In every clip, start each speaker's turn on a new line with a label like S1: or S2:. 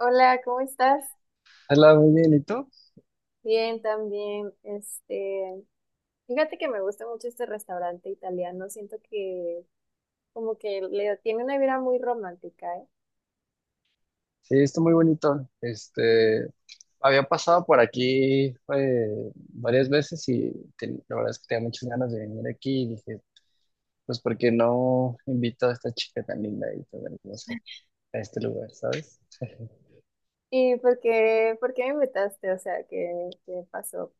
S1: Hola, ¿cómo estás?
S2: Hola, muy bien, ¿y tú?
S1: Bien, también. Fíjate que me gusta mucho este restaurante italiano. Siento que como que le tiene una vibra muy romántica, ¿eh?
S2: Sí, está muy bonito. Había pasado por aquí varias veces y la verdad es que tenía muchas ganas de venir aquí y dije, pues, ¿por qué no invito a esta chica tan linda y tan hermosa a este lugar, ¿sabes?
S1: ¿Y por qué me invitaste? O sea, ¿qué pasó?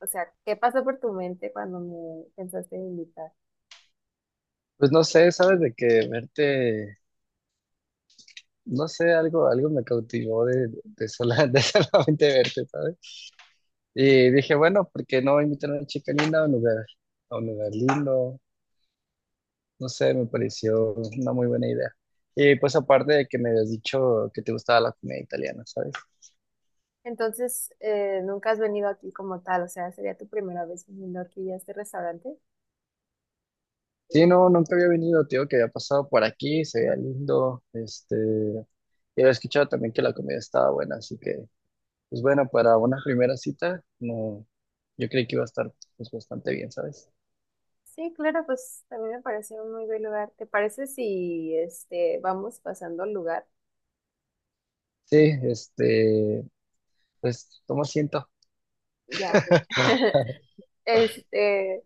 S1: O sea, ¿qué pasó por tu mente cuando me pensaste en invitar?
S2: Pues no sé, ¿sabes? De que verte, no sé, algo me cautivó de de solamente verte, ¿sabes? Y dije, bueno, ¿por qué no invitar a una chica linda a un lugar lindo? No sé, me pareció una muy buena idea. Y pues aparte de que me habías dicho que te gustaba la comida italiana, ¿sabes?
S1: Entonces, ¿nunca has venido aquí como tal? O sea, ¿sería tu primera vez viniendo aquí a este restaurante?
S2: Sí, no, nunca había venido, tío, que había pasado por aquí, se veía lindo, y había escuchado también que la comida estaba buena, así que, pues bueno, para una primera cita, no, yo creí que iba a estar pues bastante bien, ¿sabes?
S1: Sí, claro, pues también me parece un muy buen lugar. ¿Te parece si este vamos pasando al lugar?
S2: Sí, este, pues toma asiento.
S1: Ya. Perfecto. Este,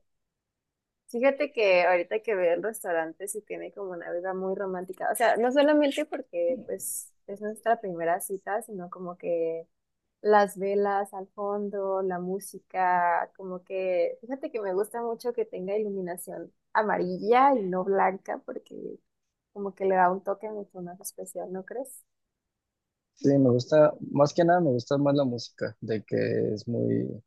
S1: fíjate que ahorita que veo el restaurante sí tiene como una vida muy romántica. O sea, no solamente porque pues es nuestra primera cita, sino como que las velas al fondo, la música, como que fíjate que me gusta mucho que tenga iluminación amarilla y no blanca porque como que le da un toque mucho más especial, ¿no crees?
S2: Sí, me gusta, más que nada me gusta más la música, de que es muy,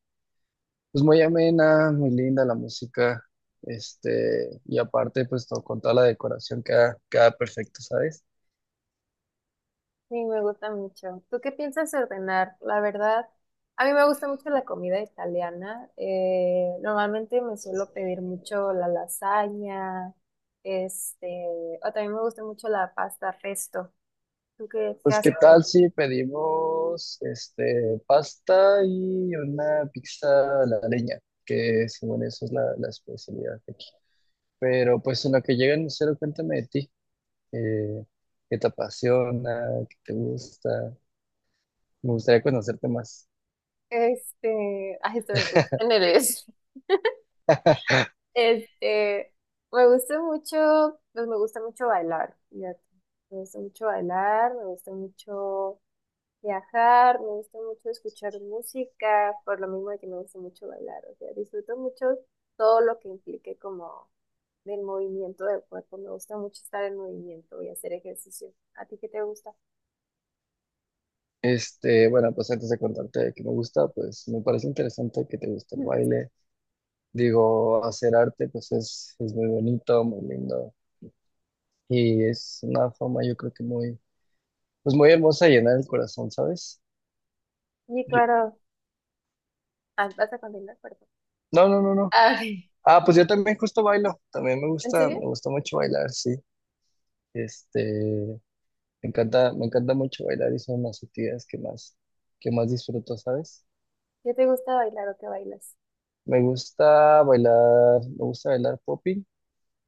S2: pues muy amena, muy linda la música, y aparte, con toda la decoración queda perfecto, ¿sabes?
S1: Sí, me gusta mucho. ¿Tú qué piensas ordenar? La verdad, a mí me gusta mucho la comida italiana. Normalmente me suelo pedir mucho la lasaña, este, o también me gusta mucho la pasta resto. ¿Tú qué
S2: Pues, ¿qué
S1: haces? Claro.
S2: tal si pedimos, este, pasta y una pizza a la leña? Que según eso es la especialidad de aquí. Pero, pues, en lo que llega el mesero, cuéntame de ti, eh, ¿qué te apasiona? ¿Qué te gusta? Me gustaría conocerte más.
S1: Este, ay, estoy me puse nerviosa. Este, me gusta mucho, pues me gusta mucho bailar. Fíjate. Me gusta mucho bailar, me gusta mucho viajar, me gusta mucho escuchar música, por lo mismo de que me gusta mucho bailar, o sea, disfruto mucho todo lo que implique como del movimiento del cuerpo, me gusta mucho estar en movimiento y hacer ejercicio. ¿A ti qué te gusta?
S2: Bueno, pues antes de contarte qué me gusta, pues me parece interesante que te guste el
S1: Mm,
S2: baile. Digo, hacer arte pues es muy bonito, muy lindo y es una forma yo creo que muy, pues muy hermosa de llenar el corazón, ¿sabes?
S1: sí,
S2: Yo-
S1: claro. Ah, vas a continuar, perdón.
S2: no, no, no, no.
S1: Ah, ok.
S2: Ah, pues yo también justo bailo, también
S1: ¿En serio?
S2: me gusta mucho bailar, sí. Este, me encanta mucho bailar y son las actividades que más disfruto, ¿sabes?
S1: ¿Qué te gusta bailar o qué bailas?
S2: Me gusta bailar popping,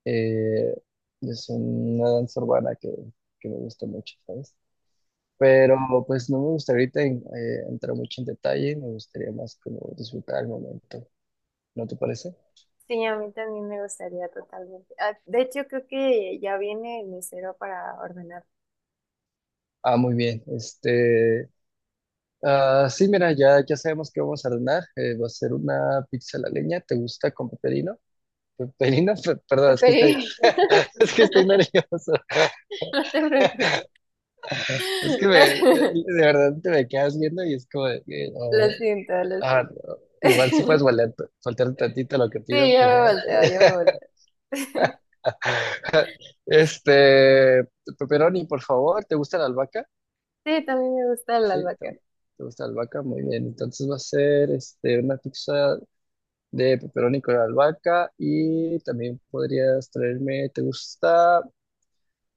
S2: eh, es una danza urbana que me gusta mucho, ¿sabes? Pero pues no me gustaría ahorita entrar mucho en detalle, me gustaría más como disfrutar el momento, ¿no te parece?
S1: Sí, a mí también me gustaría totalmente. Ah, de hecho, creo que ya viene el mesero para ordenar
S2: Ah, muy bien. Ah, sí, mira, ya sabemos que vamos a ordenar. Eh, va a ser una pizza a la leña. ¿Te gusta con pepperino? Perdón,
S1: el
S2: es que estoy,
S1: pedido.
S2: es que estoy nervioso.
S1: No te preocupes.
S2: Es que de verdad te me quedas viendo y es como, de que, oh,
S1: Lo siento, lo
S2: ah,
S1: siento.
S2: no. Igual si puedes faltar un tantito a lo que pido,
S1: Sí, yo
S2: por
S1: me
S2: favor.
S1: volteo, yo me volteo.
S2: Este, Pepperoni, por favor, ¿te gusta la albahaca?
S1: Sí, también me gusta el
S2: Sí,
S1: albahaca.
S2: también. ¿Te gusta la albahaca? Muy bien. Entonces va a ser este, una pizza de pepperoni con albahaca y también podrías traerme, ¿te gusta?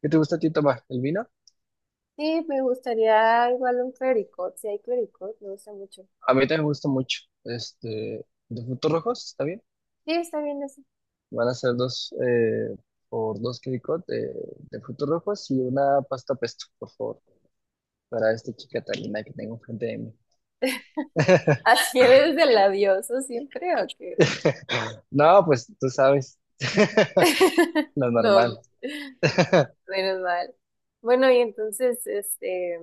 S2: ¿Qué te gusta a ti tomar? ¿El vino?
S1: Sí, me gustaría igual un clericot. Si hay clericot, me gusta mucho.
S2: A mí también me gusta mucho. Este, de frutos rojos, ¿está bien?
S1: Sí, está bien así.
S2: Van a ser dos por dos quericot de frutos rojos y una pasta pesto, por favor, para esta chica tan linda que tengo enfrente de mí.
S1: ¿Así eres del labioso siempre o qué?
S2: No, pues tú sabes. lo
S1: No, no.
S2: normal.
S1: Menos mal. Bueno, y entonces,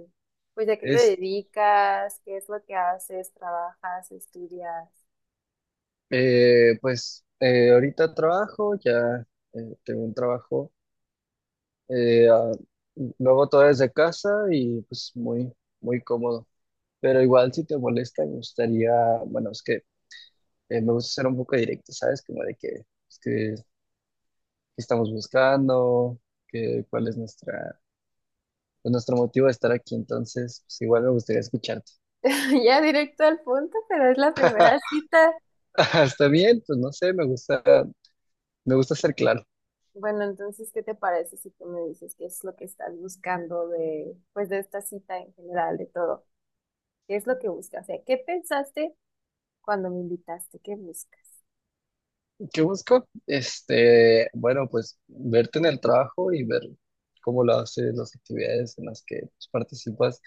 S1: pues, ¿a qué te
S2: Es,
S1: dedicas? ¿Qué es lo que haces? ¿Trabajas? ¿Estudias?
S2: pues ahorita trabajo, ya tengo un trabajo, eh, ah, lo todo desde casa y pues muy, muy cómodo. Pero igual si te molesta, me gustaría, bueno, es que me gusta ser un poco directo, ¿sabes? Como de que, es que, qué estamos buscando, que, cuál es nuestra, pues, nuestro motivo de estar aquí. Entonces, pues igual me gustaría escucharte.
S1: Ya directo al punto, pero es la primera cita.
S2: Está bien, pues no sé, me gusta ser claro.
S1: Bueno, entonces, ¿qué te parece si tú me dices qué es lo que estás buscando de, pues, de esta cita en general, de todo? ¿Qué es lo que buscas? O sea, ¿qué pensaste cuando me invitaste? ¿Qué buscas?
S2: ¿Qué busco? Bueno, pues verte en el trabajo y ver cómo lo haces, las actividades en las que pues, participas.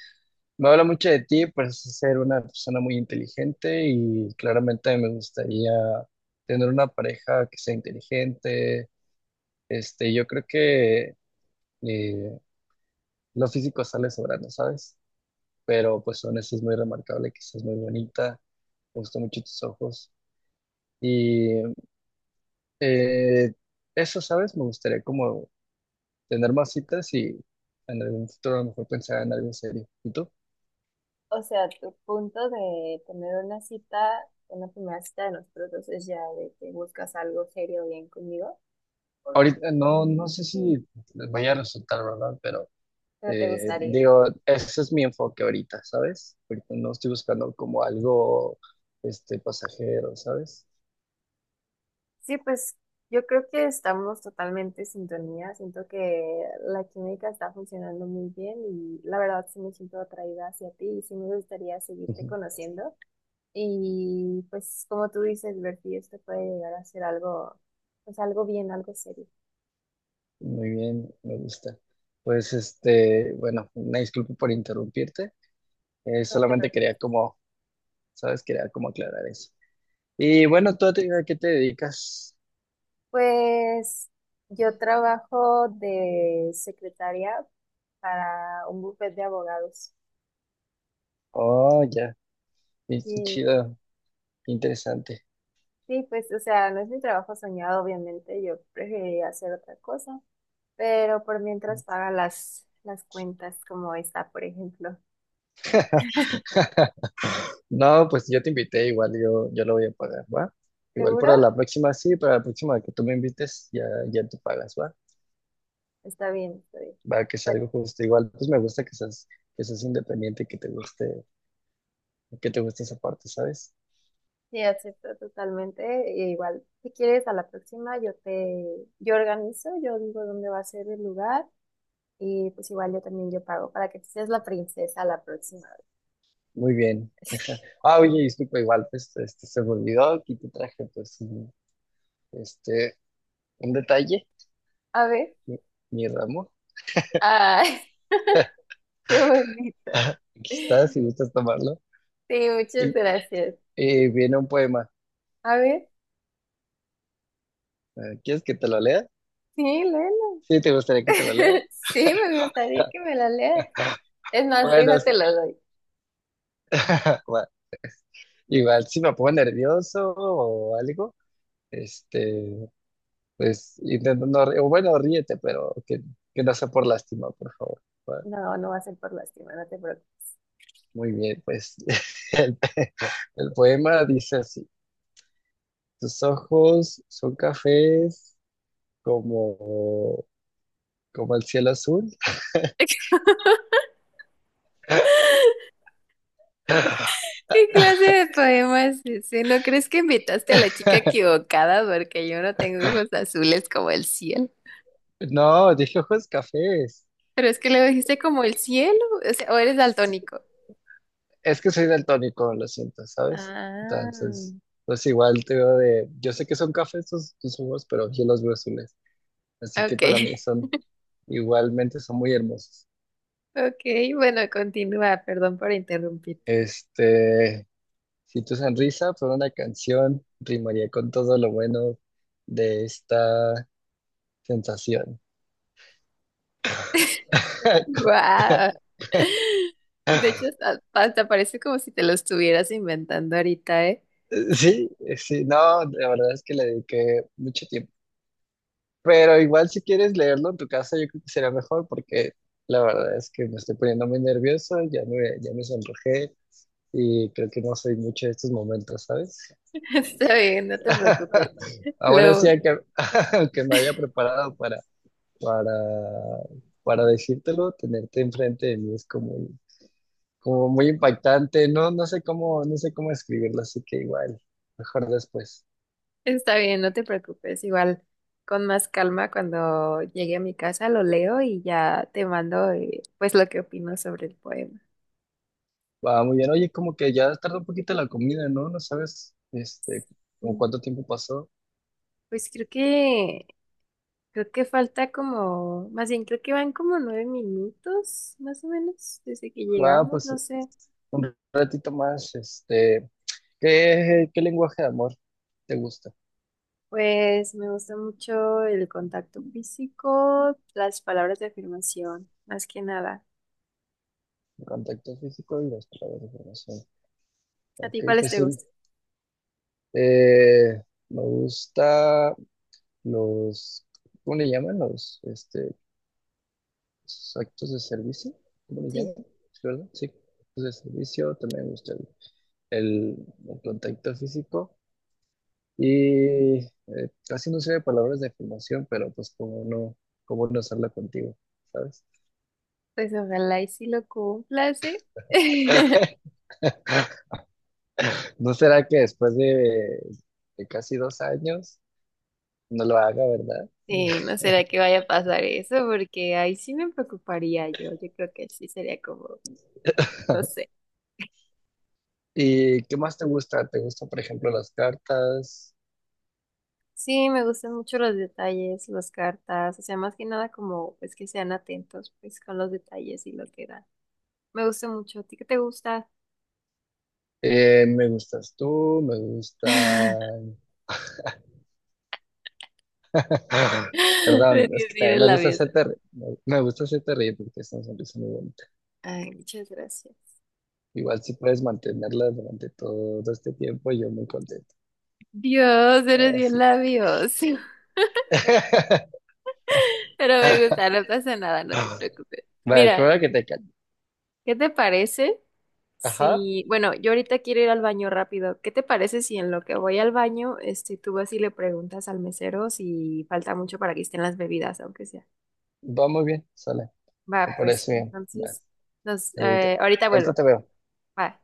S2: Me habla mucho de ti, pues ser una persona muy inteligente y claramente me gustaría tener una pareja que sea inteligente. Este, yo creo que eh, lo físico sale sobrando, ¿sabes? Pero pues Vanessa es muy remarcable, que es muy bonita, me gustan mucho tus ojos. Y eh, eso, ¿sabes? Me gustaría como tener más citas y en algún futuro a lo mejor pensar en algo serio. ¿Y tú?
S1: O sea, tu punto de tener una cita, una primera cita de nosotros dos es ya de que buscas algo serio bien conmigo,
S2: Ahorita no, no sé si les vaya a resultar, ¿verdad? Pero
S1: pero te gustaría.
S2: digo, ese es mi enfoque ahorita, ¿sabes? Ahorita no estoy buscando como algo este, pasajero, ¿sabes?
S1: Sí, pues yo creo que estamos totalmente en sintonía. Siento que la química está funcionando muy bien y la verdad sí me siento atraída hacia ti y sí me gustaría seguirte
S2: Ujú.
S1: conociendo. Y pues como tú dices, ver si esto puede llegar a ser algo, pues algo bien, algo serio.
S2: Muy bien, me gusta. Pues este, bueno, una disculpa por interrumpirte.
S1: No te
S2: Solamente
S1: preocupes.
S2: quería como, ¿sabes? Quería como aclarar eso. Y bueno, ¿tú a ti- a qué te dedicas?
S1: Pues yo trabajo de secretaria para un bufete de abogados.
S2: Oh, ya, qué
S1: Sí,
S2: chido. Interesante.
S1: sí, pues, o sea, no es mi trabajo soñado, obviamente, yo preferiría hacer otra cosa, pero por mientras paga las cuentas como está, por ejemplo.
S2: No, pues yo te invité, igual yo, yo lo voy a pagar, ¿va? Igual
S1: ¿Seguro?
S2: para la próxima, sí, para la próxima que tú me invites, ya tú pagas, ¿va?
S1: Está bien, está bien.
S2: Va, que sea
S1: Bueno,
S2: algo justo. Igual, pues me gusta que seas independiente y que te guste esa parte, ¿sabes?
S1: sí, acepto totalmente. E igual, si quieres, a la próxima yo organizo, yo digo dónde va a ser el lugar y pues igual yo también yo pago para que tú seas la princesa la próxima vez.
S2: Muy bien. Ah, oye, disculpa, igual, pues este, se me olvidó, aquí te traje, pues, este, un detalle,
S1: A ver,
S2: mi, mi ramo.
S1: ay, qué bonito.
S2: Aquí está,
S1: Sí,
S2: si gustas tomarlo.
S1: muchas
S2: Y,
S1: gracias.
S2: y viene un poema.
S1: A ver,
S2: ¿Quieres que te lo lea?
S1: sí, léelo.
S2: Sí, ¿te gustaría que te lo lea?
S1: Sí, me gustaría que me la leas. Es más,
S2: Bueno,
S1: déjate
S2: es-
S1: lo doy.
S2: bueno, igual si me pongo nervioso o algo, este, pues intentando, o bueno, ríete, pero que no sea por lástima, por favor. Bueno,
S1: No, no va a ser por lástima, no te preocupes.
S2: muy bien, pues el, el poema dice así, tus ojos son cafés como, como el cielo azul.
S1: ¿Qué clase de poema es ese? ¿No crees que invitaste a la chica equivocada? Porque yo no tengo ojos azules como el cielo.
S2: No, dije ojos cafés.
S1: Pero es que le dijiste como el cielo, o sea, o eres daltónico.
S2: Es que soy daltónico, lo siento, ¿sabes?
S1: Ah,
S2: Entonces, pues igual te veo de, yo sé que son cafés tus humos, pero yo los veo azules, así que
S1: ok.
S2: para mí son, igualmente son muy hermosos.
S1: Ok, bueno, continúa, perdón por interrumpirte.
S2: Este, si tu sonrisa fuera una canción, rimaría con todo lo bueno de esta sensación.
S1: Guau. De hecho, hasta parece como si te lo estuvieras inventando ahorita, ¿eh?
S2: Sí, sí, no, la verdad es que le dediqué mucho tiempo. Pero igual si quieres leerlo en tu casa, yo creo que sería mejor porque la verdad es que me estoy poniendo muy nervioso, ya me sonrojé y creo que no soy mucho de estos momentos, ¿sabes?
S1: Está bien, no te preocupes.
S2: Aún así,
S1: Lo,
S2: aunque, aunque me haya preparado para, para decírtelo, tenerte enfrente de mí es como, como muy impactante, no, no sé cómo, no sé cómo escribirlo, así que igual, mejor después.
S1: está bien, no te preocupes. Igual con más calma cuando llegue a mi casa lo leo y ya te mando pues lo que opino sobre el poema.
S2: Va, muy bien, oye, como que ya tardó un poquito la comida, ¿no? ¿No sabes, como
S1: Mm.
S2: cuánto tiempo pasó?
S1: Pues creo que creo que falta como, más bien creo que van como 9 minutos más o menos desde que
S2: Ah,
S1: llegamos,
S2: pues
S1: no sé.
S2: un ratito más, ¿qué lenguaje de amor te gusta?
S1: Pues me gusta mucho el contacto físico, las palabras de afirmación, más que nada.
S2: El contacto físico y las palabras de información.
S1: ¿A
S2: Ok,
S1: ti cuáles
S2: pues
S1: te
S2: sí,
S1: gustan?
S2: eh, me gusta los, ¿cómo le llaman? Los, los actos de servicio, ¿cómo le
S1: Sí,
S2: llaman? ¿Sí, verdad? Sí, actos de servicio, también me gusta el- el contacto físico y casi no sé de palabras de afirmación, pero pues como no, cómo no hacerla contigo, ¿sabes?
S1: pues ojalá y si lo cumplas, ¿eh?
S2: ¿No será que después de casi 2 años no lo haga, verdad?
S1: Sí, no será que vaya a pasar eso, porque ahí sí me preocuparía yo. Yo creo que sí sería como, no sé.
S2: ¿Y qué más te gusta? ¿Te gustan, por ejemplo, las cartas?
S1: Sí, me gustan mucho los detalles, las cartas, o sea, más que nada como, pues que sean atentos, pues con los detalles y lo que dan. Me gusta mucho. ¿A ti qué te gusta?
S2: Me gustas tú, me gusta,
S1: Es
S2: Perdón, es
S1: que
S2: que también
S1: tienes
S2: me gusta
S1: labios.
S2: hacerte reír. Me gusta hacerte reír porque es una sonrisa muy bonita.
S1: Ay, muchas gracias.
S2: Igual si puedes mantenerla durante todo este tiempo, yo muy contento.
S1: Dios, eres bien
S2: Sí.
S1: labios. Pero me gusta, no pasa nada, no te preocupes.
S2: Vale, qué
S1: Mira.
S2: bueno que te calles.
S1: ¿Qué te parece
S2: Ajá,
S1: si, bueno, yo ahorita quiero ir al baño rápido? ¿Qué te parece si en lo que voy al baño, este, tú vas y le preguntas al mesero si falta mucho para que estén las bebidas, aunque sea?
S2: va muy bien, sale, me
S1: Va, pues
S2: parece bien. Va,
S1: entonces, nos,
S2: ahorita,
S1: ahorita vuelvo.
S2: ahorita te veo.
S1: Bye.